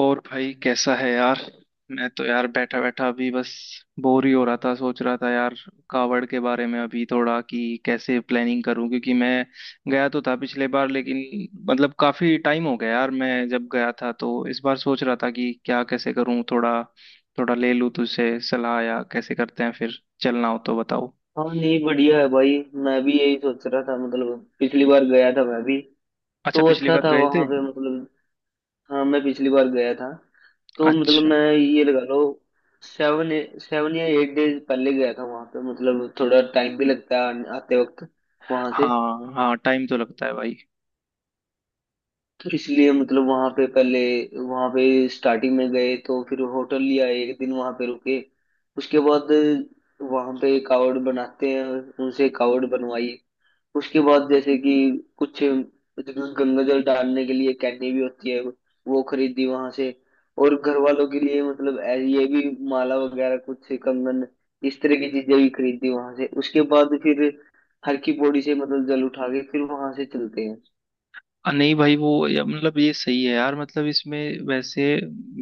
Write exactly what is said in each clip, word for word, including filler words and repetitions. और भाई कैसा है यार। मैं तो यार बैठा बैठा अभी बस बोर ही हो रहा था। सोच रहा था यार कावड़ के बारे में अभी थोड़ा कि कैसे प्लानिंग करूं, क्योंकि मैं गया तो था पिछले बार। लेकिन मतलब काफी टाइम हो गया यार मैं जब गया था। तो इस बार सोच रहा था कि क्या कैसे करूं, थोड़ा थोड़ा ले लूं तुझसे सलाह या कैसे करते हैं। फिर चलना हो तो बताओ। हाँ नहीं बढ़िया है भाई। मैं भी यही सोच रहा था, मतलब पिछली बार गया था मैं भी अच्छा, तो पिछली अच्छा बार था गए थे। वहां पे। मतलब हाँ, मैं पिछली बार गया था तो मतलब अच्छा। मैं ये लगा लो सेवन सेवन या एट डेज पहले गया था वहां पे। मतलब थोड़ा टाइम भी लगता है आने- आते वक्त वहां से। हाँ हाँ, टाइम तो लगता है भाई। तो इसलिए मतलब वहां पे पहले, वहां पे स्टार्टिंग में गए तो फिर होटल लिया, एक दिन वहां पे रुके। उसके बाद वहां पे कावड़ बनाते हैं, उनसे कावड़ बनवाई। उसके बाद जैसे कि कुछ गंगा जल डालने के लिए कैनी भी होती है, वो खरीदी वहां से। और घर वालों के लिए मतलब ऐ- ये भी माला वगैरह, कुछ कंगन, इस तरह की चीजें भी खरीदी वहां से। उसके बाद फिर हर की पौड़ी से मतलब जल उठा के फिर वहां से चलते हैं। अ, नहीं भाई वो या- मतलब ये सही है यार, मतलब इसमें वैसे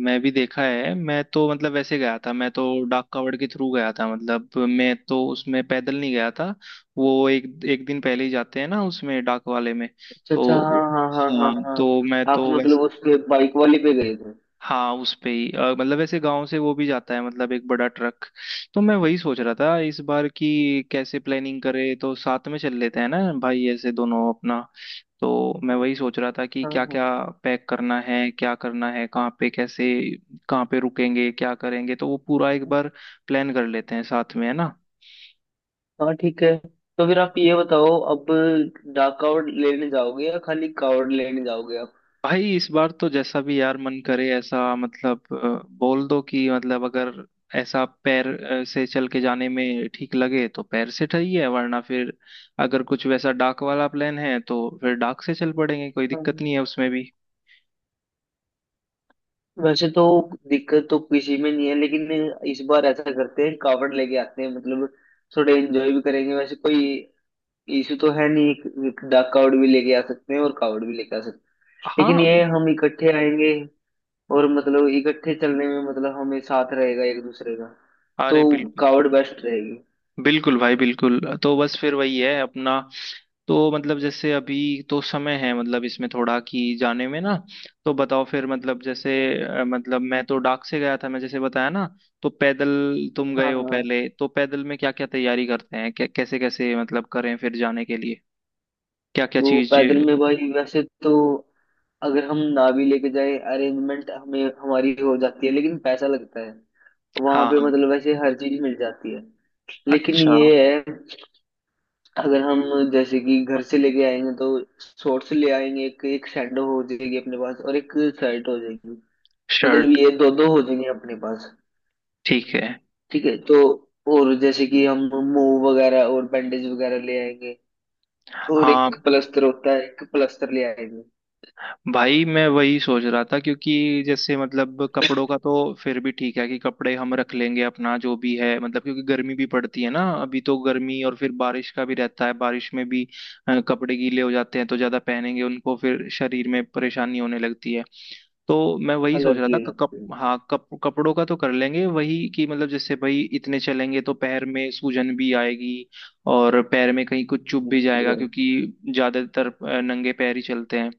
मैं भी देखा है। मैं तो मतलब वैसे गया था, मैं तो डाक कावड़ के थ्रू गया था। मतलब मैं तो उसमें पैदल नहीं गया था। वो एक एक दिन पहले ही जाते हैं ना उसमें डाक वाले में। अच्छा तो अच्छा, हाँ हाँ हाँ हाँ हाँ, हाँ, तो मैं आप तो मतलब वैसे उस पे बाइक वाले पे गए थे। हाँ उस पे ही अ, मतलब ऐसे गांव से वो भी जाता है, मतलब एक बड़ा ट्रक। तो मैं वही सोच रहा था इस बार की कैसे प्लानिंग करे, तो साथ में चल लेते हैं ना भाई ऐसे दोनों अपना। तो मैं वही सोच रहा था कि हाँ क्या हाँ क्या पैक करना है, क्या करना है, कहाँ पे कैसे, कहाँ पे रुकेंगे, क्या करेंगे, तो वो पूरा एक हाँ बार प्लान कर लेते हैं साथ में, है ना। हाँ, ठीक है। तो फिर आप ये बताओ, अब डाक कावड़ लेने जाओगे या खाली कावड़ लेने जाओगे। भाई इस बार तो जैसा भी यार मन करे ऐसा, मतलब अ, बोल दो कि मतलब अगर ऐसा पैर अ, से चल के जाने में ठीक लगे तो पैर से ठीक है, वरना फिर अगर कुछ वैसा डाक वाला प्लान है तो फिर डाक से चल पड़ेंगे, कोई आप दिक्कत नहीं है उसमें भी। वैसे तो दिक्कत तो किसी में नहीं है, लेकिन इस बार ऐसा करते हैं कावड़ लेके आते हैं। मतलब थोड़े एंजॉय भी करेंगे, वैसे कोई इशू तो है नहीं। एक, एक डाक कावड़ भी लेके आ सकते हैं और कावड़ भी लेके आ सकते हैं, लेकिन हाँ, ये हम इकट्ठे आएंगे। और मतलब इकट्ठे चलने में मतलब हमें साथ रहेगा एक दूसरे का। तो अरे बिल्कुल। कावड़ बेस्ट रहेगी। बिल्कुल भाई बिल्कुल, तो बस फिर वही है अपना। तो मतलब जैसे अभी तो समय है मतलब इसमें थोड़ा कि जाने में ना। तो बताओ फिर मतलब जैसे अ, मतलब मैं तो डाक से गया था, मैं जैसे बताया ना। तो पैदल तुम गए हाँ हो हाँ। पहले, तो पैदल में क्या क्या तैयारी करते हैं, क्या कैसे कैसे मतलब करें फिर जाने के लिए, क्या क्या तो चीज। पैदल में भाई वैसे तो अगर हम नावी लेके जाए, अरेंजमेंट हमें हमारी हो जाती है लेकिन पैसा लगता है। वहां हाँ पे हाँ। मतलब वैसे हर चीज मिल जाती है, लेकिन अच्छा। ये है अगर हम जैसे कि घर से लेके आएंगे तो शॉर्ट्स ले आएंगे, एक एक सैंडो हो जाएगी अपने पास, और एक शर्ट हो जाएगी। मतलब शर्ट। ये दो दो हो जाएंगे अपने पास। ठीक है। ठीक है तो और जैसे कि हम मूव वगैरह और बैंडेज वगैरह ले आएंगे, और हाँ, एक प्लस्तर होता है, एक प्लस्तर ले आएंगे। भाई मैं वही सोच रहा था क्योंकि जैसे मतलब कपड़ों का तो फिर भी ठीक है कि कपड़े हम रख लेंगे अपना जो भी है, मतलब क्योंकि गर्मी भी पड़ती है ना अभी तो गर्मी और फिर बारिश का भी रहता है बारिश में भी अ, कपड़े गीले हो जाते हैं तो ज्यादा पहनेंगे उनको फिर शरीर में परेशानी होने लगती है। तो मैं वही सोच अलग रहा ही था हो क- कप जाती है, हाँ कप कपड़ों का तो कर लेंगे वही कि मतलब जैसे भाई इतने चलेंगे तो पैर में सूजन भी आएगी और पैर में कहीं कुछ चुभ भी बिल्कुल जाएगा भाई। क्योंकि ज्यादातर अ, नंगे पैर ही चलते हैं।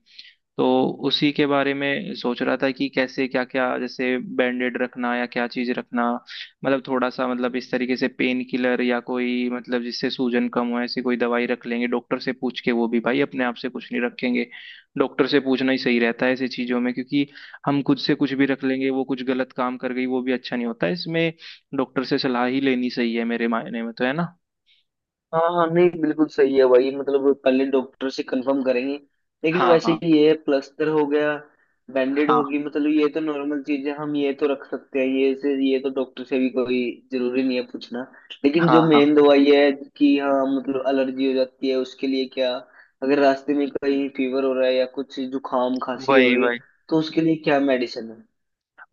तो उसी के बारे में सोच रहा था कि कैसे क्या क्या जैसे बैंडेड रखना या क्या चीज रखना, मतलब थोड़ा सा मतलब इस तरीके से पेन किलर या कोई मतलब जिससे सूजन कम हो ऐसी कोई दवाई रख लेंगे डॉक्टर से पूछ के। वो भी भाई अपने आप से कुछ नहीं रखेंगे, डॉक्टर से पूछना ही सही रहता है ऐसी चीजों में, क्योंकि हम खुद से कुछ भी रख लेंगे वो कुछ गलत काम कर गई वो भी अच्छा नहीं होता इसमें। डॉक्टर से सलाह ही लेनी सही है मेरे मायने में, तो है ना। हाँ हाँ, नहीं बिल्कुल सही है भाई। मतलब पहले डॉक्टर से कंफर्म करेंगे, लेकिन हाँ वैसे हाँ ही ये प्लास्टर हो गया, बैंडेड हाँ होगी, मतलब ये तो नॉर्मल चीज है, हम ये तो रख सकते हैं। ये से ये तो डॉक्टर से भी कोई जरूरी नहीं है पूछना। लेकिन हाँ जो हाँ। मेन दवाई है कि हाँ मतलब एलर्जी हो जाती है उसके लिए क्या, अगर रास्ते में कहीं फीवर हो रहा है या कुछ जुकाम खांसी हो वही रही है वही। तो उसके लिए क्या मेडिसिन है।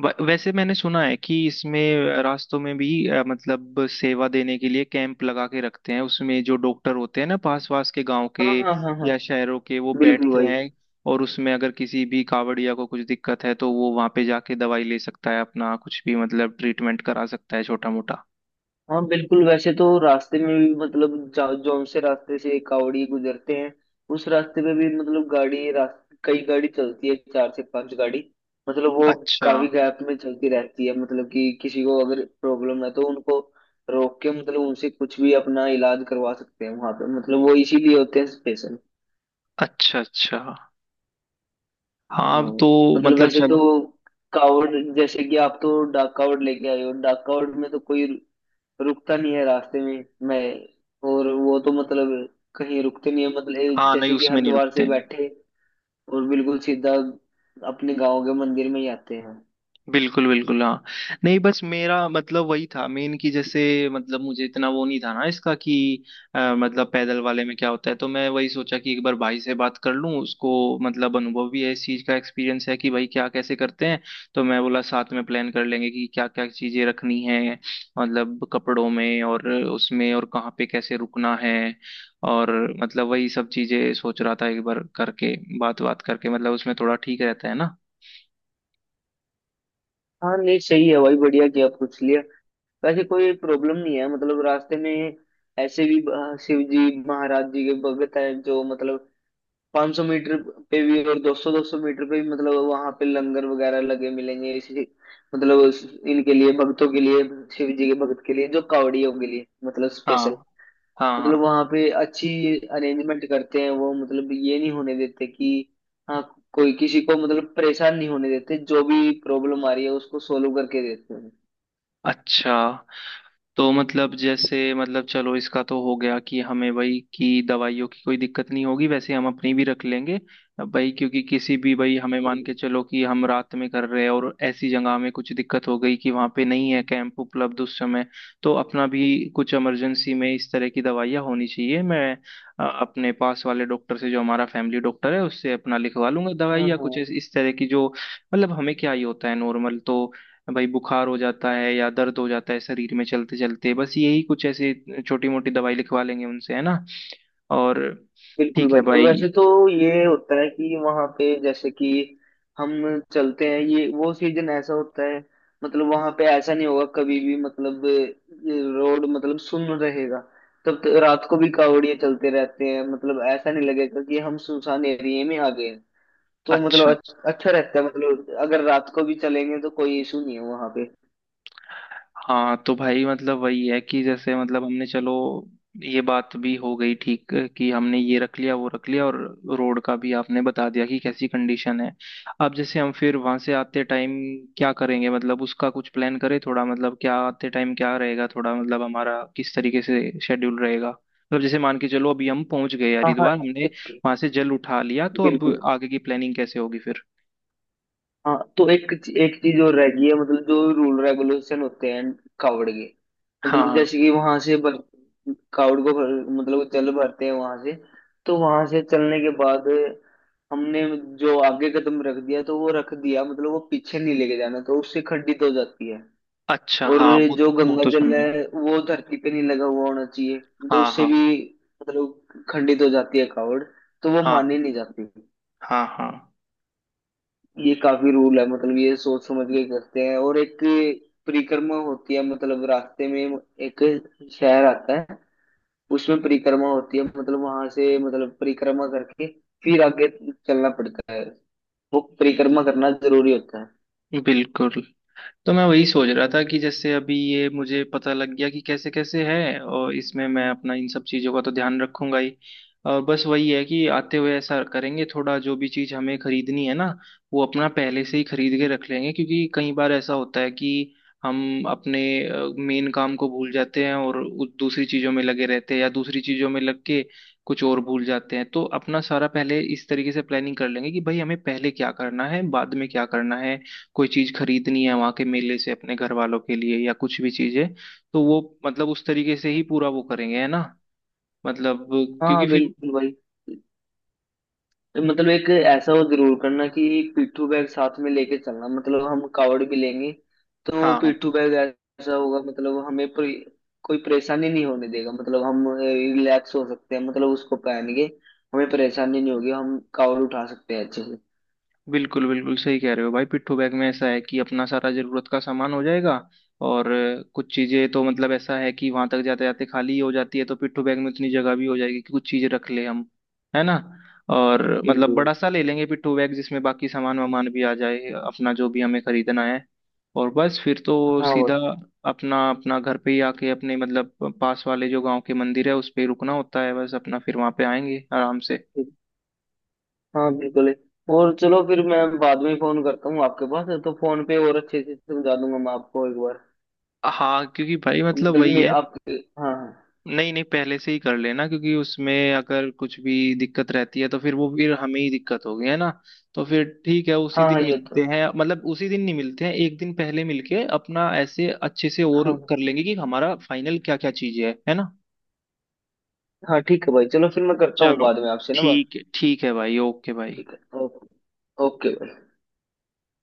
व- वैसे मैंने सुना है कि इसमें रास्तों में भी अ, मतलब सेवा देने के लिए कैंप लगा के रखते हैं उसमें जो डॉक्टर होते हैं ना पास पास के गांव के हाँ हाँ हाँ हाँ, या शहरों के, वो बिल्कुल बैठते भाई। हैं। और उसमें अगर किसी भी कावड़िया को कुछ दिक्कत है तो वो वहां पे जाके दवाई ले सकता है अपना, कुछ भी मतलब ट्रीटमेंट करा सकता है छोटा मोटा। हाँ बिल्कुल, वैसे तो रास्ते में भी मतलब जा- जौन से रास्ते से कावड़ी गुजरते हैं, उस रास्ते पे भी मतलब गाड़ी रास्ते कई गाड़ी चलती है, चार से पांच गाड़ी। मतलब वो अच्छा काफी गैप में चलती रहती है। मतलब कि किसी को अगर प्रॉब्लम है तो उनको रोक के मतलब उनसे कुछ भी अपना इलाज करवा सकते हैं। वहां पे मतलब वो इसीलिए होते हैं स्पेशल। अच्छा। अच्छा। हाँ। हाँ तो मतलब मतलब वैसे तो चलो। कावड़, जैसे कि आप तो डाक कावड़ लेके आए हो, डाक कावड़ में तो कोई रुकता नहीं है रास्ते में मैं। और वो तो मतलब कहीं रुकते नहीं है, मतलब एक- हाँ नहीं जैसे कि उसमें नहीं हरिद्वार रुकते से हैं। बैठे और बिल्कुल सीधा अपने गांव के मंदिर में ही आते हैं। बिल्कुल बिल्कुल हाँ। नहीं बस मेरा मतलब वही था मेन कि जैसे मतलब मुझे इतना वो नहीं था ना इसका कि अ, मतलब पैदल वाले में क्या होता है। तो मैं वही सोचा कि एक बार भाई से बात कर लूँ उसको, मतलब अनुभव भी है इस चीज़ का, एक्सपीरियंस है कि भाई क्या कैसे करते हैं। तो मैं बोला साथ में प्लान कर लेंगे कि क्या क्या चीज़ें रखनी है मतलब कपड़ों में और उसमें और कहाँ पे कैसे रुकना है, और मतलब वही सब चीज़ें सोच रहा था एक बार करके बात बात करके मतलब उसमें थोड़ा ठीक रहता है ना। हाँ नहीं, सही है भाई, बढ़िया किया आप पूछ लिया। वैसे कोई प्रॉब्लम नहीं है मतलब रास्ते में। ऐसे भी अ, शिव जी महाराज जी के भगत हैं जो मतलब पाँच सौ मीटर पे भी और दो सौ दो सौ मीटर पे भी मतलब वहां पे लंगर वगैरह लगे मिलेंगे। इसी मतलब उस- इनके लिए, भक्तों के लिए, शिव जी के भगत के लिए, जो कावड़ियों के लिए मतलब हाँ स्पेशल। हाँ मतलब हाँ। वहां पे अच्छी अरेंजमेंट करते हैं वो। मतलब ये नहीं होने देते कि, हाँ, कोई किसी को मतलब परेशान नहीं होने देते। जो भी प्रॉब्लम आ रही है उसको सोल्व करके देते हैं। अच्छा। तो मतलब जैसे मतलब चलो इसका तो हो गया कि हमें भाई कि दवाइयों की कोई दिक्कत नहीं होगी, वैसे हम अपनी भी रख लेंगे। अब भाई क्योंकि किसी भी भाई हमें मान के चलो कि हम रात में कर रहे हैं और ऐसी जगह में कुछ दिक्कत हो गई कि वहां पे नहीं है कैंप उपलब्ध उस समय। तो अपना भी कुछ इमरजेंसी में इस तरह की दवाइयाँ होनी चाहिए। मैं अ, अपने पास वाले डॉक्टर से जो हमारा फैमिली डॉक्टर है उससे अपना लिखवा लूंगा दवाई हाँ या हाँ, कुछ इस इस तरह की जो मतलब हमें क्या ही होता है नॉर्मल तो। भाई बुखार हो जाता है या दर्द हो जाता है शरीर में चलते चलते, बस यही कुछ ऐसे छोटी मोटी दवाई लिखवा लेंगे उनसे, है ना। और बिल्कुल ठीक भाई। है तो भाई। वैसे तो ये होता है कि वहां पे जैसे कि हम चलते हैं, ये वो सीजन ऐसा होता है मतलब वहां पे ऐसा नहीं होगा कभी भी। मतलब रोड मतलब सुन रहेगा, तब तो रात को भी कावड़िए चलते रहते हैं। मतलब ऐसा नहीं लगेगा कि हम सुनसान एरिया में आ गए हैं। तो मतलब अच्छा। अ- अच्छा रहता है, मतलब अगर रात को भी चलेंगे तो कोई इशू नहीं है वहां पे। हाँ तो भाई मतलब वही है कि जैसे मतलब हमने चलो ये बात भी हो गई ठीक कि हमने ये रख लिया वो रख लिया, और रोड का भी आपने बता दिया कि कैसी कंडीशन है। अब जैसे हम फिर वहां से आते टाइम क्या करेंगे मतलब उसका कुछ प्लान करें थोड़ा, मतलब क्या आते टाइम क्या रहेगा थोड़ा मतलब हमारा किस तरीके से शेड्यूल रहेगा, मतलब जैसे मान के चलो अभी हम पहुंच गए हाँ हाँ, हरिद्वार हमने एक वहां से जल उठा लिया, तो अब बिल्कुल। आगे की प्लानिंग कैसे होगी फिर। हाँ, तो एक एक चीज और रह गई है मतलब जो रूल रेगुलेशन होते हैं कावड़ के। हाँ मतलब हाँ। जैसे कि वहां से भर, कावड़ को भर, मतलब चल भरते हैं वहां से। तो वहां से चलने के बाद हमने जो आगे कदम रख दिया तो वो रख दिया, मतलब वो पीछे नहीं लेके जाना, तो उससे खंडित हो जाती है। अच्छा और हाँ वो। जो वो गंगा तो जल सुना। है वो धरती पे नहीं लगा हुआ होना चाहिए, तो हाँ उससे हाँ भी मतलब खंडित हो जाती है कावड़, तो वो हाँ मानी नहीं जाती। हाँ हाँ। ये काफी रूल है मतलब ये सोच समझ के करते हैं। और एक परिक्रमा होती है मतलब रास्ते में एक शहर आता है, उसमें परिक्रमा होती है मतलब वहां से मतलब परिक्रमा करके फिर आगे चलना पड़ता है। वो परिक्रमा करना जरूरी होता है। बिल्कुल। तो मैं वही सोच रहा था कि जैसे अभी ये मुझे पता लग गया कि कैसे कैसे है, और इसमें मैं अपना इन सब चीज़ों का तो ध्यान रखूंगा ही। और बस वही है कि आते हुए ऐसा करेंगे थोड़ा जो भी चीज़ हमें खरीदनी है ना, वो अपना पहले से ही खरीद के रख लेंगे, क्योंकि कई बार ऐसा होता है कि हम अपने मेन काम को भूल जाते हैं और उ- दूसरी चीज़ों में लगे रहते हैं या दूसरी चीज़ों में लग के कुछ और भूल जाते हैं। तो अपना सारा पहले इस तरीके से प्लानिंग कर लेंगे कि भाई हमें पहले क्या करना है बाद में क्या करना है, कोई चीज खरीदनी है वहां के मेले से अपने घर वालों के लिए या कुछ भी चीज है, तो वो मतलब उस तरीके से ही पूरा वो करेंगे, है ना मतलब, क्योंकि हाँ फिर बिल्कुल भाई। मतलब एक ऐसा वो जरूर करना कि पिट्ठू बैग साथ में लेके चलना, मतलब हम कावड़ भी लेंगे तो हाँ हाँ पिट्ठू बैग ऐसा होगा मतलब हमें परे, कोई परेशानी नहीं होने देगा। मतलब हम रिलैक्स हो सकते हैं, मतलब उसको पहन के हमें परेशानी नहीं होगी, हम कावड़ उठा सकते हैं अच्छे से। बिल्कुल बिल्कुल सही कह रहे हो भाई पिट्ठू बैग में ऐसा है कि अपना सारा जरूरत का सामान हो जाएगा। और अ, कुछ चीजें तो मतलब ऐसा है कि वहां तक जाते जाते खाली ही हो जाती है, तो पिट्ठू बैग में उतनी जगह भी हो जाएगी कि कुछ चीजें रख ले हम, है ना। और मतलब बिल्कुल। बड़ा सा ले लेंगे पिट्ठू बैग जिसमें बाकी सामान वामान भी आ जाए अपना जो भी हमें खरीदना है। और बस फिर तो हाँ वो सीधा अपना अपना घर पे ही आके अपने मतलब पास वाले जो गांव के मंदिर है उस पे रुकना होता है, बस अपना फिर वहां पे आएंगे आराम से। ठीक। हाँ बिल्कुल। और चलो, फिर मैं बाद में फोन करता हूँ आपके पास तो फोन पे और अच्छे से समझा दूंगा मैं आपको एक बार। हाँ क्योंकि भाई मतलब मतलब वही मैं है, आप, हाँ हाँ नहीं नहीं पहले से ही कर लेना क्योंकि उसमें अगर कुछ भी दिक्कत रहती है तो फिर वो फिर हमें ही दिक्कत होगी, है ना। तो फिर ठीक है उसी हाँ हाँ, दिन ये तो, मिलते हैं, मतलब उसी दिन नहीं मिलते हैं एक दिन पहले मिलके अपना ऐसे अच्छे से और हाँ कर लेंगे कि हमारा फाइनल क्या क्या चीजें है है ना। हाँ, ठीक है भाई। चलो फिर मैं करता हूँ चलो, बाद में आपसे ना बात। ठीक है ठीक है भाई, ओके भाई। ठीक है, ओके, ओके।